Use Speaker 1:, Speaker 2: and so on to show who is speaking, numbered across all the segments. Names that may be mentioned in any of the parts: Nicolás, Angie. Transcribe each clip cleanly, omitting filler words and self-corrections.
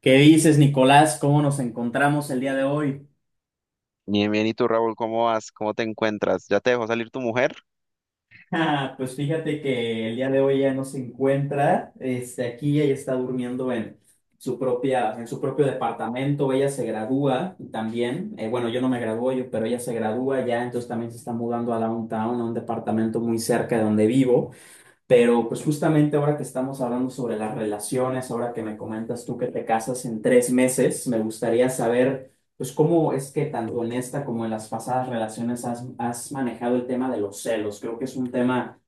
Speaker 1: ¿Qué dices, Nicolás? ¿Cómo nos encontramos el día de hoy?
Speaker 2: Bien, bien, ¿y tú, Raúl, cómo vas? ¿Cómo te encuentras? ¿Ya te dejó salir tu mujer?
Speaker 1: Ah, pues fíjate que el día de hoy ya no se encuentra, aquí ella está durmiendo en en su propio departamento, ella se gradúa también, bueno, yo no me gradué, yo, pero ella se gradúa ya, entonces también se está mudando a Downtown, a un departamento muy cerca de donde vivo. Pero pues justamente ahora que estamos hablando sobre las relaciones, ahora que me comentas tú que te casas en tres meses, me gustaría saber pues cómo es que tanto en esta como en las pasadas relaciones has manejado el tema de los celos. Creo que es un tema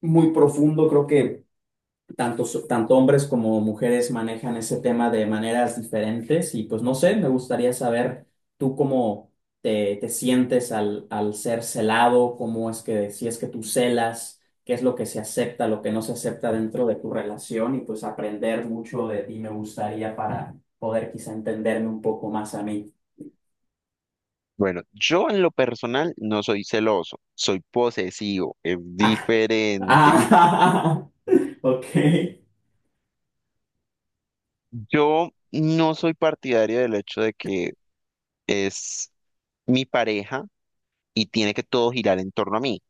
Speaker 1: muy profundo, creo que tanto hombres como mujeres manejan ese tema de maneras diferentes y pues no sé, me gustaría saber tú cómo te sientes al ser celado, cómo es que, si es que tú celas, qué es lo que se acepta, lo que no se acepta dentro de tu relación y pues aprender mucho de ti me gustaría para poder quizá entenderme un poco más a mí.
Speaker 2: Bueno, yo en lo personal no soy celoso, soy posesivo, es
Speaker 1: Ah,
Speaker 2: diferente.
Speaker 1: ah, ok.
Speaker 2: Yo no soy partidario del hecho de que es mi pareja y tiene que todo girar en torno a mí,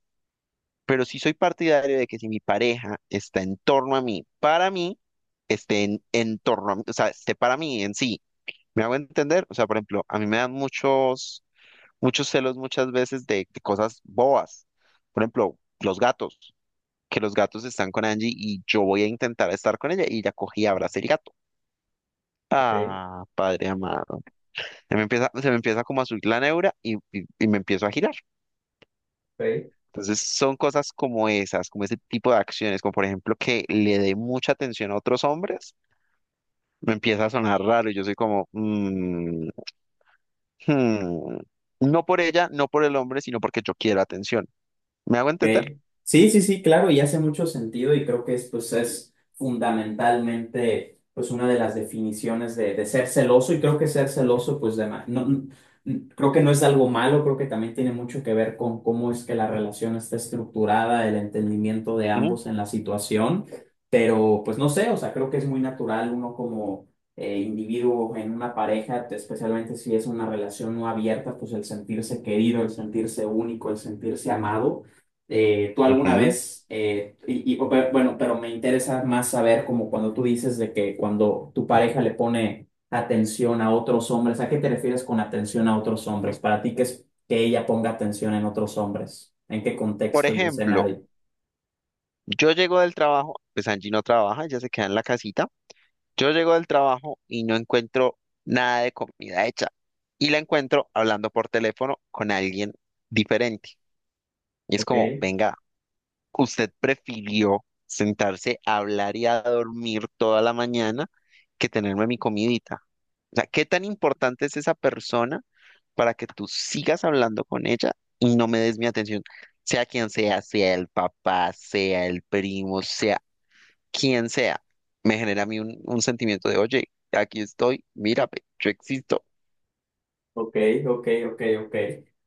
Speaker 2: pero sí soy partidario de que si mi pareja está en torno a mí, para mí, esté en torno a mí, o sea, esté para mí en sí. ¿Me hago entender? O sea, por ejemplo, a mí me dan muchos muchos celos muchas veces de cosas bobas. Por ejemplo, los gatos, que los gatos están con Angie y yo voy a intentar estar con ella y ella cogí y abraza el gato.
Speaker 1: Ok,
Speaker 2: Ah, padre amado. Se me empieza como a subir la neura y me empiezo a girar.
Speaker 1: ok.
Speaker 2: Entonces son cosas como esas, como ese tipo de acciones, como por ejemplo que le dé mucha atención a otros hombres, me empieza a sonar raro y yo soy como, "Mm, hmm". No por ella, no por el hombre, sino porque yo quiero atención. ¿Me hago entender?
Speaker 1: Ok. Sí, sí, sí, claro, y hace mucho sentido y creo que es, pues, es fundamentalmente pues, una de las definiciones de ser celoso y creo que ser celoso, pues de ma- no, n- n- creo que no es algo malo, creo que también tiene mucho que ver con cómo es que la relación está estructurada, el entendimiento de
Speaker 2: Ujú,
Speaker 1: ambos en la situación, pero pues no sé, o sea, creo que es muy natural uno como individuo en una pareja, especialmente si es una relación no abierta, pues el sentirse querido, el sentirse único, el sentirse amado. Eh, tú alguna
Speaker 2: ujú.
Speaker 1: vez, y- o pe- Bueno, pero me interesa más saber como cuando tú dices de que cuando tu pareja le pone atención a otros hombres, ¿a qué te refieres con atención a otros hombres? Para ti, ¿qué es que ella ponga atención en otros hombres? ¿En qué
Speaker 2: Por
Speaker 1: contexto y
Speaker 2: ejemplo,
Speaker 1: nadie...
Speaker 2: yo llego del trabajo, pues Angie no trabaja, ella se queda en la casita. Yo llego del trabajo y no encuentro nada de comida hecha. Y la encuentro hablando por teléfono con alguien diferente. Y es
Speaker 1: Ok.
Speaker 2: como, venga, usted prefirió sentarse a hablar y a dormir toda la mañana que tenerme mi comidita. O sea, ¿qué tan importante es esa persona para que tú sigas hablando con ella y no me des mi atención? Sea quien sea, sea el papá, sea el primo, sea quien sea, me genera a mí un, sentimiento de, oye, aquí estoy, mírame, yo existo.
Speaker 1: Ok, ok, ok, ok.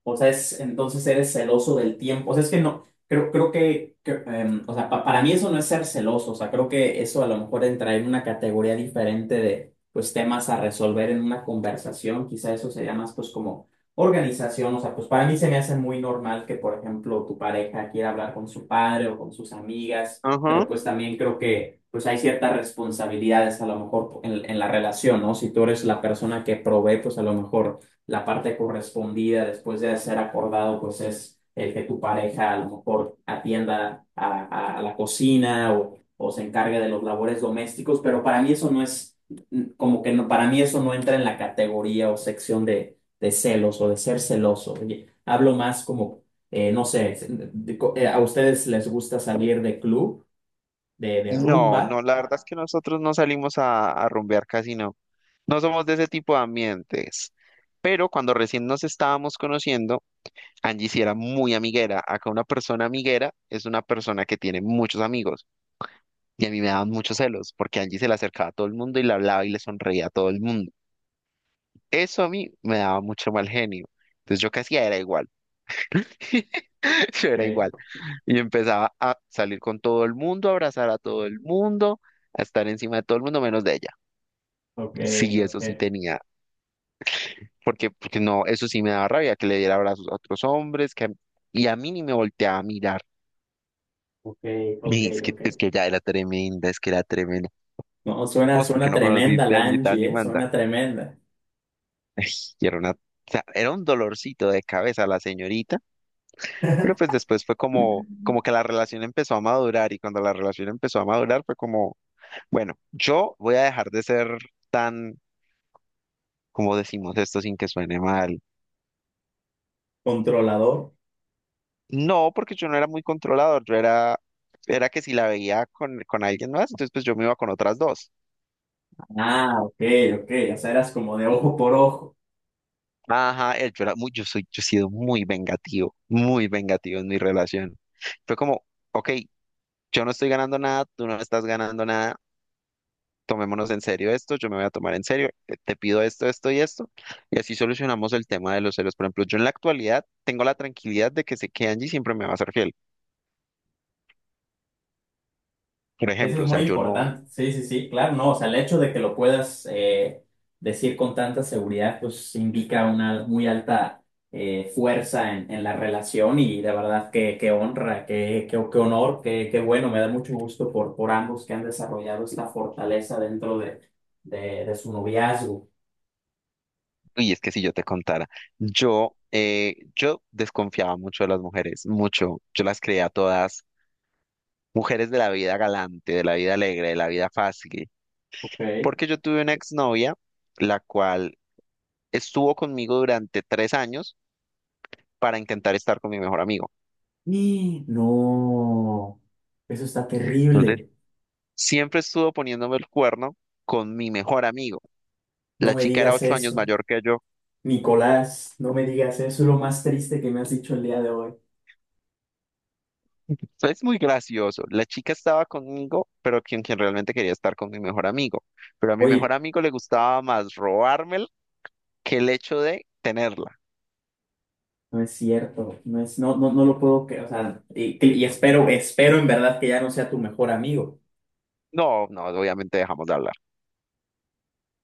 Speaker 1: O sea, es, entonces eres celoso del tiempo. O sea, es que no, creo que, que, o sea, para mí eso no es ser celoso. O sea, creo que eso a lo mejor entra en una categoría diferente de, pues, temas a resolver en una conversación. Quizá eso sería más, pues, como organización. O sea, pues, para mí se me hace muy normal que, por ejemplo, tu pareja quiera hablar con su padre o con sus amigas,
Speaker 2: Ajá.
Speaker 1: pero pues también creo que, pues, hay ciertas responsabilidades a lo mejor en la relación, ¿no? Si tú eres la persona que provee, pues, a lo mejor la parte correspondida después de ser acordado, pues es el que tu pareja a lo mejor atienda a la cocina o se encargue de los labores domésticos, pero para mí eso no es, mm, como que no, para mí eso no entra en la categoría o sección de celos o de ser celoso. Oye, hablo más como, no sé, a ustedes les gusta salir de club, de
Speaker 2: No,
Speaker 1: rumba.
Speaker 2: no, la verdad es que nosotros no salimos a rumbear casi no. No somos de ese tipo de ambientes. Pero cuando recién nos estábamos conociendo, Angie sí era muy amiguera. Acá una persona amiguera es una persona que tiene muchos amigos. Y a mí me daban muchos celos porque Angie se le acercaba a todo el mundo y le hablaba y le sonreía a todo el mundo. Eso a mí me daba mucho mal genio. Entonces yo casi era igual. Yo era igual.
Speaker 1: Ok,
Speaker 2: Y empezaba a salir con todo el mundo, a abrazar a todo el mundo, a estar encima de todo el mundo menos de ella.
Speaker 1: ok,
Speaker 2: Sí,
Speaker 1: ok,
Speaker 2: eso sí tenía. Porque, porque no, eso sí me daba rabia, que le diera abrazos a otros hombres, que, y a mí ni me volteaba a mirar.
Speaker 1: ok, ok,
Speaker 2: Y
Speaker 1: ok.
Speaker 2: es que ya era tremenda, es que era tremenda.
Speaker 1: No, suena,
Speaker 2: Vos, porque
Speaker 1: suena
Speaker 2: no
Speaker 1: tremenda
Speaker 2: conociste a
Speaker 1: la
Speaker 2: Angie Tan ni
Speaker 1: Angie, ¿eh?
Speaker 2: Manda.
Speaker 1: Suena tremenda.
Speaker 2: Ay, y era una, o sea, era un dolorcito de cabeza la señorita, pero pues después fue como, que la relación empezó a madurar, y cuando la relación empezó a madurar fue como, bueno, yo voy a dejar de ser tan, como decimos esto sin que suene mal?
Speaker 1: Controlador.
Speaker 2: No, porque yo no era muy controlador, yo era, era que si la veía con alguien más, entonces pues yo me iba con otras dos.
Speaker 1: Ah, ok, ok. O sea, eras como de ojo por ojo.
Speaker 2: Ajá, yo era muy, yo soy, yo he sido muy vengativo en mi relación. Fue como, ok, yo no estoy ganando nada, tú no estás ganando nada, tomémonos en serio esto, yo me voy a tomar en serio, te pido esto, esto y esto, y así solucionamos el tema de los celos. Por ejemplo, yo en la actualidad tengo la tranquilidad de que sé que Angie siempre me va a ser fiel, por
Speaker 1: Eso es
Speaker 2: ejemplo, o
Speaker 1: muy
Speaker 2: sea, yo no.
Speaker 1: importante. Sí, sí, sí, claro, no. O sea, el hecho de que lo puedas decir con tanta seguridad, pues indica una muy alta fuerza en la relación y de verdad que honra, que honor, que bueno. Me da mucho gusto por ambos que han desarrollado esta fortaleza dentro de, de su noviazgo.
Speaker 2: Uy, es que si yo te contara, yo desconfiaba mucho de las mujeres, mucho. Yo las creía todas mujeres de la vida galante, de la vida alegre, de la vida fácil,
Speaker 1: Ok.
Speaker 2: porque yo tuve una exnovia, la cual estuvo conmigo durante 3 años para intentar estar con mi mejor amigo.
Speaker 1: Y no, eso está
Speaker 2: Entonces,
Speaker 1: terrible.
Speaker 2: siempre estuvo poniéndome el cuerno con mi mejor amigo.
Speaker 1: No
Speaker 2: La
Speaker 1: me
Speaker 2: chica era
Speaker 1: digas
Speaker 2: 8 años
Speaker 1: eso.
Speaker 2: mayor que yo.
Speaker 1: Nicolás, no me digas eso. Es lo más triste que me has dicho el día de hoy.
Speaker 2: Es muy gracioso. La chica estaba conmigo, pero quien, realmente quería estar con mi mejor amigo. Pero a mi mejor
Speaker 1: Oye,
Speaker 2: amigo le gustaba más robármela que el hecho de tenerla.
Speaker 1: no es cierto. No es, no, no, No lo puedo creer. O sea, y espero, espero en verdad que ya no sea tu mejor amigo.
Speaker 2: No, no, obviamente dejamos de hablar.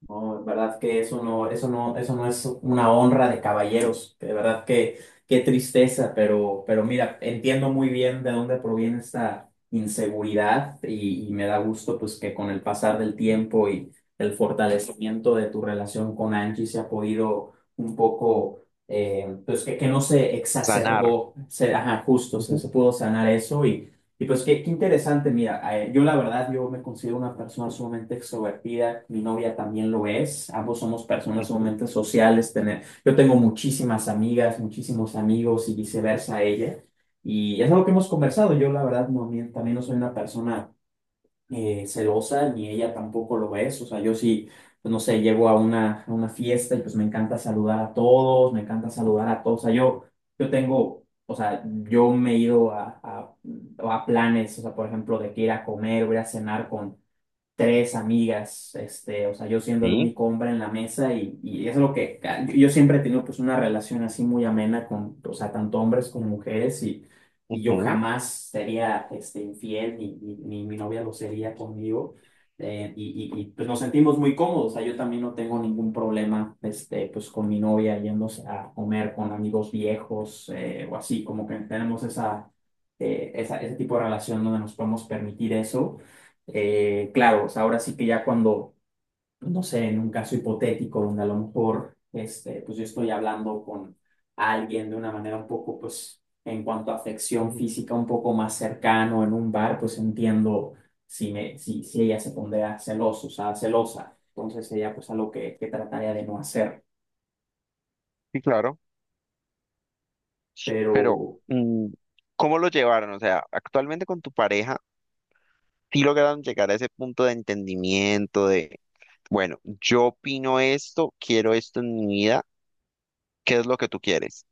Speaker 1: No, en verdad que eso no, eso no es una honra de caballeros. De verdad que qué tristeza, pero mira, entiendo muy bien de dónde proviene esta inseguridad y me da gusto pues que con el pasar del tiempo y el fortalecimiento de tu relación con Angie se ha podido un poco, pues que no se
Speaker 2: Sanar.
Speaker 1: exacerbó, ajá, justo,
Speaker 2: Ujú,
Speaker 1: se pudo sanar eso y pues qué, qué interesante, mira, yo la verdad, yo me considero una persona sumamente extrovertida, mi novia también lo es, ambos somos personas
Speaker 2: ujú,
Speaker 1: sumamente sociales, yo tengo muchísimas amigas, muchísimos amigos y viceversa ella, y es algo que hemos
Speaker 2: ujú,
Speaker 1: conversado, yo la verdad no, mi- también no soy una persona celosa, ni ella tampoco lo es. O sea, yo sí, pues, no sé, llego a una fiesta y pues me encanta saludar a todos, me encanta saludar a todos. O sea, yo tengo, o sea, yo me he ido a planes, o sea, por ejemplo, de que ir a comer, voy a cenar tres amigas, este, o sea, yo siendo el
Speaker 2: sí,
Speaker 1: único hombre en la mesa y es lo que ah, yo siempre he tenido pues una relación así muy amena con, o sea, tanto hombres como mujeres y yo
Speaker 2: ujú,
Speaker 1: jamás sería este, infiel ni mi novia lo sería conmigo. Y, pues nos sentimos muy cómodos, o sea, yo también no tengo ningún problema, este, pues con mi novia yéndose a comer con amigos viejos o así, como que tenemos esa, ese tipo de relación donde nos podemos permitir eso. Claro, o sea, ahora sí que ya cuando, no sé, en un caso hipotético donde a lo mejor, este, pues yo estoy hablando con alguien de una manera un poco, pues, en cuanto a afección
Speaker 2: ujú.
Speaker 1: física, un poco más cercano en un bar, pues entiendo si me, si, si ella se pondría celoso, o sea, celosa. Entonces ella pues, algo que trataría de no hacer.
Speaker 2: Sí, claro. Pero,
Speaker 1: Pero
Speaker 2: mm, ¿cómo lo llevaron? O sea, actualmente con tu pareja, ¿sí lograron llegar a ese punto de entendimiento de, bueno, yo opino esto, quiero esto en mi vida, ¿qué es lo que tú quieres?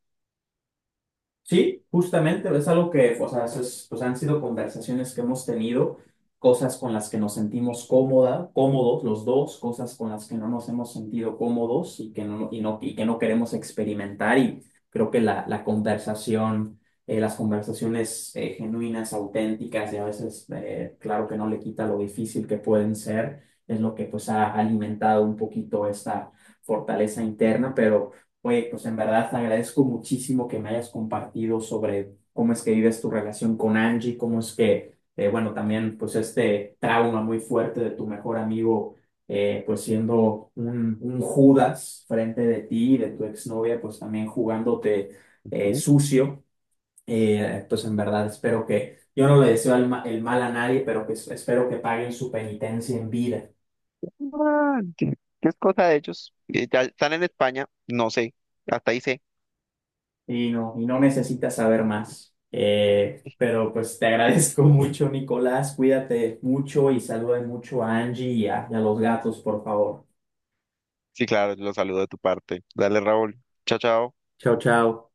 Speaker 1: sí, justamente, es algo que, o sea, eso es- pues han sido conversaciones que hemos tenido, cosas con las que nos sentimos cómoda, cómodos los dos, cosas con las que no nos hemos sentido cómodos y que no, y que no queremos experimentar. Y creo que la conversación, las conversaciones genuinas, auténticas y a veces, claro que no le quita lo difícil que pueden ser, es lo que pues ha alimentado un poquito esta fortaleza interna, pero... Oye, pues en verdad te agradezco muchísimo que me hayas compartido sobre cómo es que vives tu relación con Angie, cómo es que, bueno, también pues este trauma muy fuerte de tu mejor amigo, pues siendo un Judas frente de ti, de tu exnovia, pues también jugándote sucio. Pues en verdad espero que, yo no le deseo el, ma- el mal a nadie, pero que es- espero que paguen su penitencia en vida.
Speaker 2: Ah, que es cosa de ellos. Ya están en España, no sé, hasta ahí sé.
Speaker 1: Y no necesitas saber más. Pero pues te agradezco mucho, Nicolás. Cuídate mucho y saluda mucho a Angie y a los gatos, por favor.
Speaker 2: Sí, claro, los saludo de tu parte. Dale, Raúl. Chao, chao.
Speaker 1: Chao, chao.